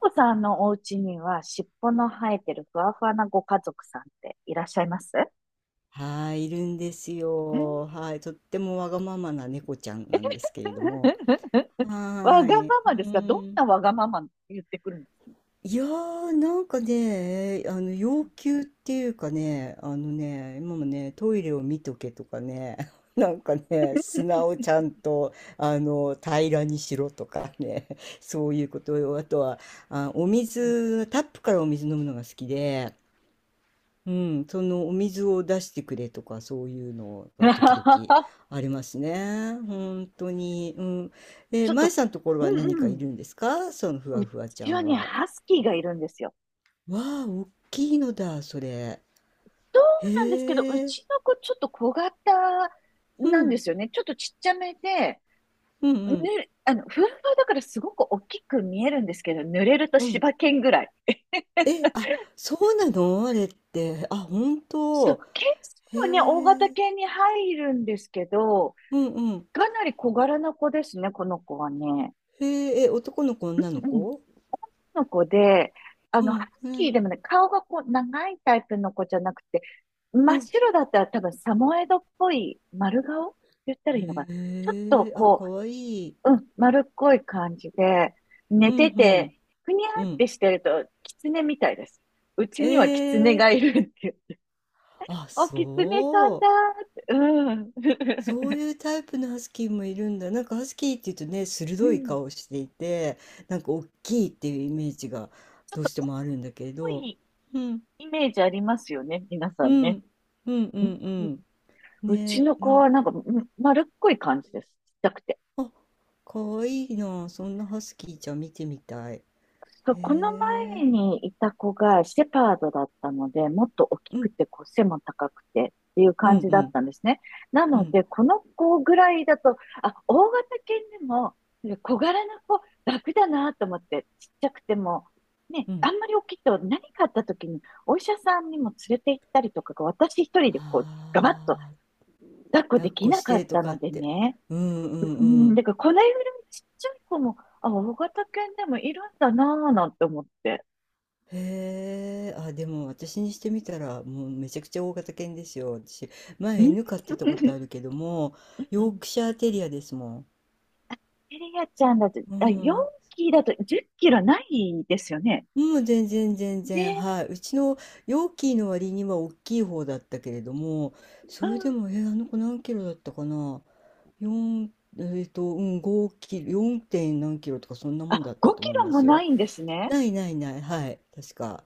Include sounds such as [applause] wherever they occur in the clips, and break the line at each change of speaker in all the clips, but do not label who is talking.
お子さんのお家には尻尾の生えてるふわふわなご家族さんっていらっしゃいます
はい、いるんです
うん
よ。はい、とってもわがままな猫ちゃんなんですけれども。
[laughs] わ
は
が
い、
まま
う
ですが、どん
ん。
なわがまま言ってくるんです
いやー、なんかね、要求っていうかね、今もね、トイレを見とけとかね、[laughs] なんかね、砂をちゃんと、平らにしろとかね、[laughs] そういうことよ。あとは、あ、お水、タップからお水飲むのが好きで、うん、そのお水を出してくれとかそういうのが時々
か？
ありますね。本当に。うん。
[laughs] ちょっ
舞
と、
さんのところ
う
は何
ん
か
う
いる
ん。
んですか、そのふ
う
わふわちゃ
ちは
ん
ね、
は？
ハスキーがいるんですよ。
わあ、おっきいのだ、それ。
そうなんですけど、う
へえ。
ちの子ちょっと小型
う
なんで
ん、
すよね。ちょっとちっちゃめで、
うん、う
ぬ、
ん、
あの、ふわふわだからすごく大きく見えるんですけど、濡れると
うん。
柴犬ぐらい。
え、あ、そうなのあれって？あ、本
そ
当？
う、犬種
へ
はね、大型
え。
犬に入るんですけど、
うん、うん。
かなり小柄な子ですね、この子はね。
へえ、え、男の子、女の
うん、
子？
の子で、
う
ハス
ん、う
キー
ん、
でもね、顔がこう、長いタイプの子じゃなくて、
う
真っ
ん。
白だったら多分サモエドっぽい丸顔って言ったらいいのかな。ちょっと
へえ、あ、
こ
かわいい。
う、丸っこい感じで、寝
う
て
ん、うん。
て、ふにゃ
う
ーっ
ん。
てしてると、キツネみたいです。うちにはキツネ
ええ、
がいるっていう。
あ、
お、キツネさん
そ
だ
う。
ーって。
そ
うん。[laughs]
ういうタイプのハスキーもいるんだ。なんかハスキーっていうとね、
う
鋭い
ん。
顔していて、なんか大きいっていうイメージが
ちょっ
どうして
と
もあるんだけれ
多
ど。
い
うん、
イメージありますよね、皆さ
う
んね。
ん、うん、う
うん、
ん、うん。
うち
ね、
の
な
子
ん
は
か、
なんか、丸っこい感じです。ちっちゃくて。
あ、かわいいな。そんなハスキーちゃん見てみたい。へ
そう、この
え。
前にいた子がシェパードだったので、もっと大き
う
く
ん、
て、こう背も高くてっていう
うん、
感じ
う
だっ
ん、
たんですね。な
う
の
ん、
で、この子ぐらいだと、あ、大型犬でも、小柄な子、楽だなと思って、ちっちゃくても、ね、
う
あ
ん。
んまり大きいと何かあった時に、お医者さんにも連れて行ったりとかが、私一人でこう、ガバッと
ああ、
抱っこ
抱
で
っ
き
こ
な
し
かっ
てと
た
かっ
ので
て？
ね。
うん、うん、
う
う
ん、
ん。
だからこのぐらいちっちゃい子も、あ、大型犬でもいるんだなぁなんて思って。
へえ、あ、でも私にしてみたらもうめちゃくちゃ大型犬ですよ。私、
う
前
ん、うん
犬飼ってたことあるけども、
う
ヨー
ん
クシャーテリアですもん。
エリアちゃんだと、
う
あ、4
ん。
キロだと10キロないですよね。
もう全然全然。
ね。
はい。うちのヨーキーの割には大きい方だったけれども、
う
それで
ん。
も、あの子何キロだったかな？ 4、うん、5キロ、4点何キロとかそんなもん
あ、
だった
5
と
キ
思い
ロ
ま
も
す
な
よ。
いんですね。
ないないない。はい。確か。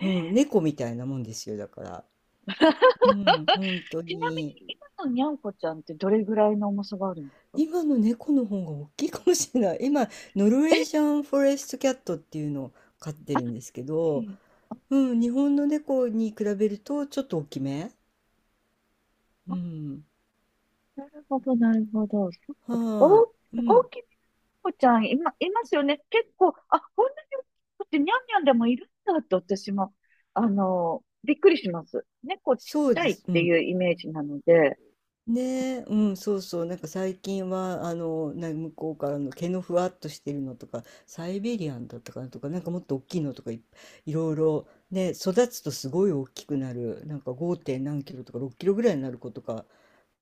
うん。猫みたいなもんですよ。だから。
[laughs]
うん。本当
ちなみに
に。
今のにゃんこちゃんってどれぐらいの重さがあるんですか？
今の猫の方が大きいかもしれない。[laughs] 今、ノルウ
え、
ェージャンフォレストキャットっていうのを飼ってるんですけ
う
ど、
ん
うん、日本の猫に比べるとちょっと大きめ。
あ
うん。
なるほど、なるほど。そっか。
は
お、
い。う
大
ん。
きい猫ちゃん、今、いますよね。結構、あ、こんなに大きくてにゃんにゃんでもいるんだって私も、びっくりします。猫ちっ
そう
ちゃ
で
いっ
す。う
てい
ん。
うイメージなので、
ねえ、うん、そうそう。なんか最近は、向こうからの毛のふわっとしてるのとか、サイベリアンだったかなとか、なんかもっと大きいのとかいろいろ、ね、育つとすごい大きくなる。なんか 5 何キロとか6キロぐらいになる子とか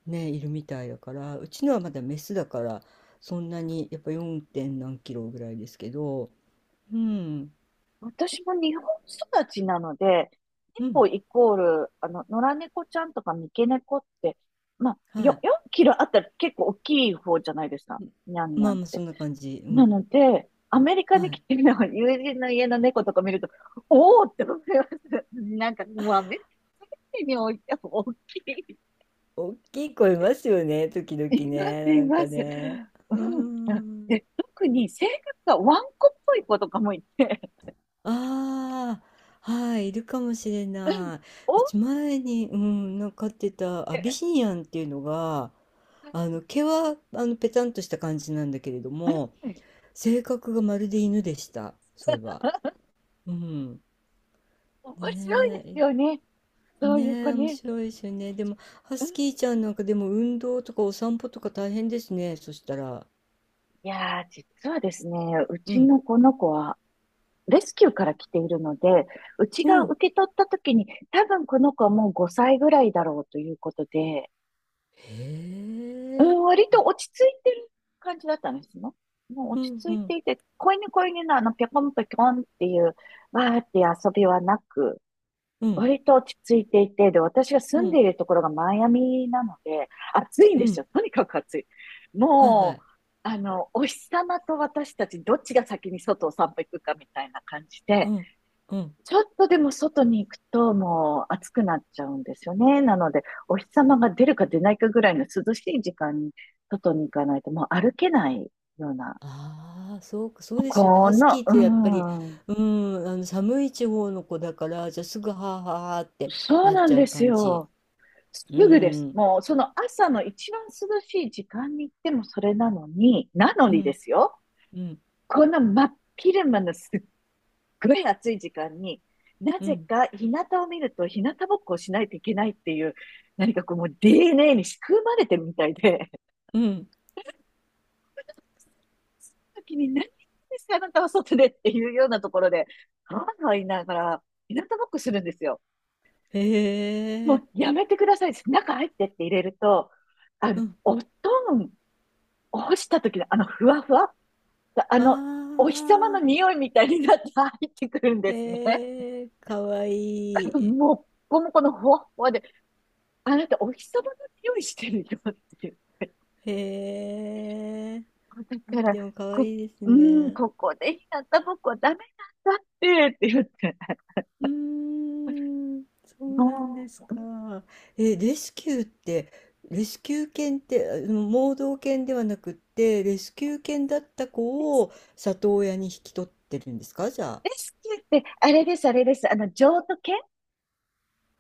ね、いるみたいだから、うちのはまだメスだから、そんなに、やっぱ 4 点何キロぐらいですけど、うん、
私も日本育ちなので、
うん、
猫イコール、野良猫ちゃんとか三毛猫って、まあ、よ、
は
4キロあったら結構大きい方じゃないですか。
い。
にゃんにゃ
ま
ん
あ
っ
まあ、そ
て。
んな感じ。う
な
ん、
ので、アメリカ
は
に来
い。
てるの友人の家の猫とか見ると、おおって思います。なんかもうアメリカにおいても大きい。
大きい子いますよね、時々
いま
ね、
す、
な
い
ん
ま
か
す。
ね。
う
うー
ん。
ん。
で、特に性格がワンコっぽい子とかもいて、
ああ、はい、いるかもしれな
おお
い。う
っ
ち前に、うん、なんか飼ってたアビ
て。
シニアンっていうのが、あの
う
毛はあのペタンとした感じなんだけれども
ん、
性格がまるで犬でした、そういえば。うん。
面白い
ね
です
え、
よね。そういう
ね
子
え、面
ね。
白いですよね。でも、ハ
うん。
スキーちゃんなんかでも運動とかお散歩とか大変ですね。そしたら。
いやー、実はですね、う
う
ち
ん。
のこの子はレスキューから来ているので、うち
う
が
ん。
受け取った時に、多分この子はもう5歳ぐらいだろうということで、
へ
う
え。
ん、割と
あ
落ち着いてる感じだったんですね。もう
う
落ち
ん
着
う
い
ん。
ていて、子犬のあの、ぴょこんぴょこんっていう、わーって遊びはなく、
うん。
割と落ち着いていて、で、私が
う
住ん
ん。
でいるところがマイアミなので、暑いん
う
です
ん。
よ。とにかく暑い。
はいは
も
い。
う、お日様と私たち、どっちが先に外を散歩行くかみたいな感じ
う
で、
ん。うん。
ちょっとでも外に行くともう暑くなっちゃうんですよね。なので、お日様が出るか出ないかぐらいの涼しい時間に外に行かないともう歩けないような、
ああ、そうか、そうですよね。
こ
ハスキ
の、
ーってやっぱり、
うん、
うん、あの寒い地方の子だから、じゃあすぐはあはあはあって
そう
なっ
な
ち
ん
ゃ
で
う
す
感じ。
よ。す
う
ぐです。
ん。
もう、その朝の一番涼しい時間に行ってもそれなのに、なの
う
にで
ん。
すよ。
うん。
こんな真っ昼間のすっごい暑い時間に、な
う
ぜ
ん。
か日向を見ると日向ぼっこをしないといけないっていう、何かこうもう DNA に仕組まれてるみたいで、
うん。
時に何ですか、あなたは外でっていうようなところで、はいはい言いながら、日向ぼっこするんですよ。
へ
も
え。
うやめてください。中入ってって入れると、
うん。
お布団を干した時のあのふわふわあの、お日様の
ああ。
匂いみたいになって入ってくるんですね。
へえ。かわ
あ
い
の
い。
もっこもこのほわほわで、あなたお日様の匂いしてるよって言って。
へえ。
だ
あ
か
ー、
ら、
でもかわ
こ、
いいです
うーん、
ね。
ここで日向ぼっこはダメなんだってって言って。
うーん。そうなんです
も
か？え、レスキューって、レスキュー犬って、あの盲導犬ではなくって、レスキュー犬だった
う、
子を里親に引き取ってるんですか、じゃあ？
レスキューって、あれです、あれです。譲渡犬、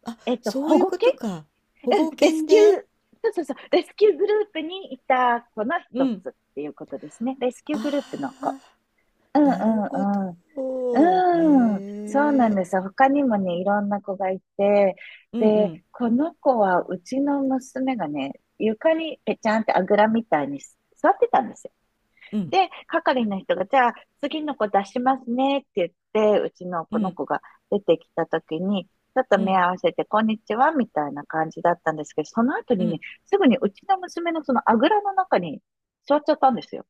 あ、そう
保
いう
護
こ
犬、
とか。保
うん、
護
レス
犬
キュー、
で、
そうそうそう、レスキューグループにいた子の
う
一
ん。
つっていうことですね。レスキュー
あ
グループの子。
あ。
うんう
なるほ
んう
ど。
ん。うん、そうなん
へえ。
ですよ。他にもね、いろんな子がいて、
うんう
で、
ん
この子はうちの娘がね、床にぺちゃんってあぐらみたいに座ってたんですよ。
うん
で、係の人が、じゃあ次の子出しますねって言って、うちの
う
この
ん
子が出てきた時に、ちょっと
う
目
ん
合わせて、こんにちは、みたいな感じだったんですけど、その後
う
にね、
ん。
すぐにうちの娘のそのあぐらの中に座っちゃったんですよ。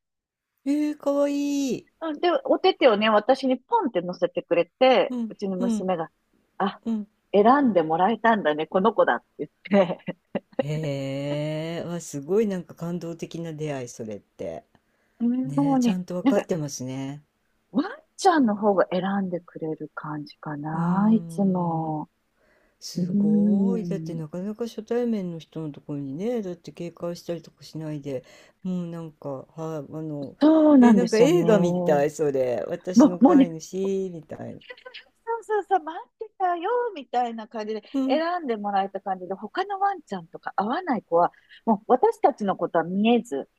ええ、かわいい。
うんで、お手手をね、私にポンって乗せてくれて、
うん
うちの
うん
娘が、あ、
うん。
選んでもらえたんだね、この子だって言って、
へえ。わ、すごいなんか感動的な出会い、それって。
[laughs] うん
ね
も
え、
う
ちゃ
ね、
んとわ
なん
かっ
か、
てますね。
ワンちゃんの方が選んでくれる感じか
うー
な、いつ
ん。
も。うー
すごい。だって
ん、
なかなか初対面の人のところにね、だって警戒したりとかしないで、もうなんか、はい、
そうなん
な
で
んか
すよね。
映画み
も
たい、それ。
う、
私の
もう
飼
ね、
い主、みたいな。
そうそうそう、待ってたよ、みたいな感じで、選んでもらえた感じで、他のワンちゃんとか合わない子は、もう私たちのことは見えず、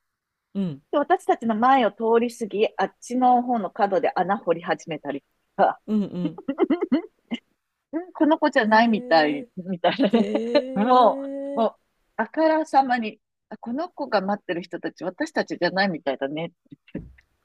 うん、
で私たちの前を通り過ぎ、あっちの方の角で穴掘り始めたりとか、
うん
[laughs] この子じゃ
う
ないみた
ん。
い、みたいな
へえ、
ね。[laughs] も
へ
う、
え。
もう、あからさまに、あこの子が待ってる人たち、私たちじゃないみたいだね。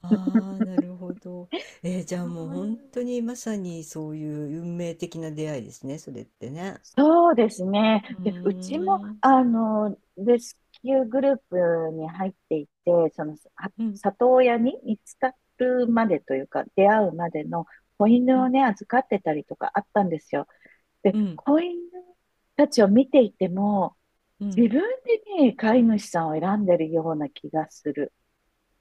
ああ、なるほど。じゃ
う
あ
ん、
もう本当にまさにそういう運命的な出会いですね、それってね。
そうですね。
うー
で、うちも、
ん、
レスキューグループに入っていて、その、は
うん、
里親に見つかるまでというか、出会うまでの子
う
犬を
ん、
ね、預かってたりとかあったんですよ。で、
うん、
子犬たちを見ていても、
うん、
自分でね、飼い主さんを選んでるような気がする。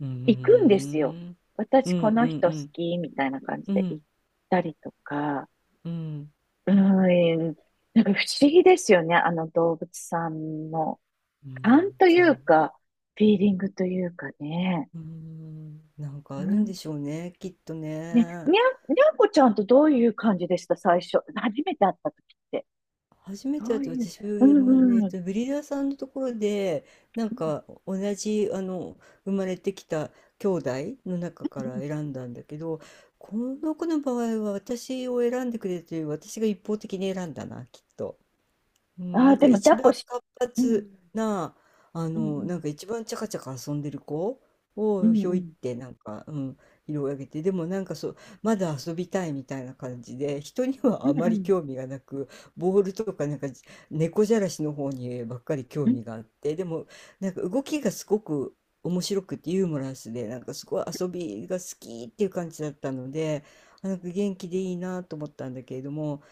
うー
行くんですよ。
ん、う
私、
ん、
こ
う
の人好
ん、
き、みたいな感じ
う
で行っ
ん、
たりとか、
うん、
うーん、なんか不思議ですよね。あの動物さんの
うん、
勘とい
そう。
うか、フィーリングというかね。
うーん、なんか
う
あるん
ん、
でしょうね、きっと
ね、
ね。
にゃんこちゃんとどういう感じでした、最初。初めて会った時って。
初めて
ど
だ
う
と
いう、
私も
うん
ねえ
うん。
っ
うん、
とブリーダーさんのところでなんか同じあの生まれてきた兄弟の中から選んだんだけど、この子の場合は私を選んでくれてる。私が一方的に選んだな、きっと。うん、
あ
なん
ー、
か
でも抱
一
っこ、
番活
う
発
ん、
な、
うん、う
なん
ん、
か一番チャカチャカ遊んでる子
う
を
ん、
ひ
う
ょいっ
ん、
てなんか、うん、拾い上げて、でもなんかそう、まだ遊びたいみたいな感じで、人には
う
あ
ん、う
まり
ん、
興味がなく、ボールとかなんか猫じゃらしの方にばっかり興
うん。
味があって、でもなんか動きがすごく面白くてユーモラスで、なんかすごい遊びが好きっていう感じだったので、あなんか元気でいいなと思ったんだけれども、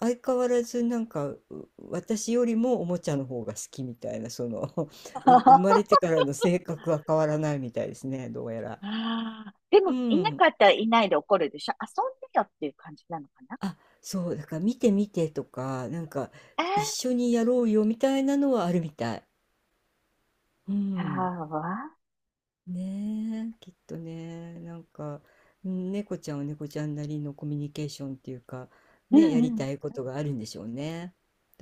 相変わらずなんか、私よりもおもちゃの方が好きみたいな、その [laughs]、生まれ
[laughs]
てからの性格は変わらないみたいですね、どうやら。
ああ、で
う
も、いな
ん。
かったらいないで怒るでしょ。遊んでよっていう感じなのかな。
あ、そう、だから見て見てとか、なんか一
あ
緒にやろうよみたいなのはあるみたい。う
あ、
ん。
ああ、
ねえ、きっとね、なんか、うん、猫ちゃんは猫ちゃんなりのコミュニケーションっていうか、
う
ね、や
ん、う
りたい
ん。
ことがあるんでしょうね。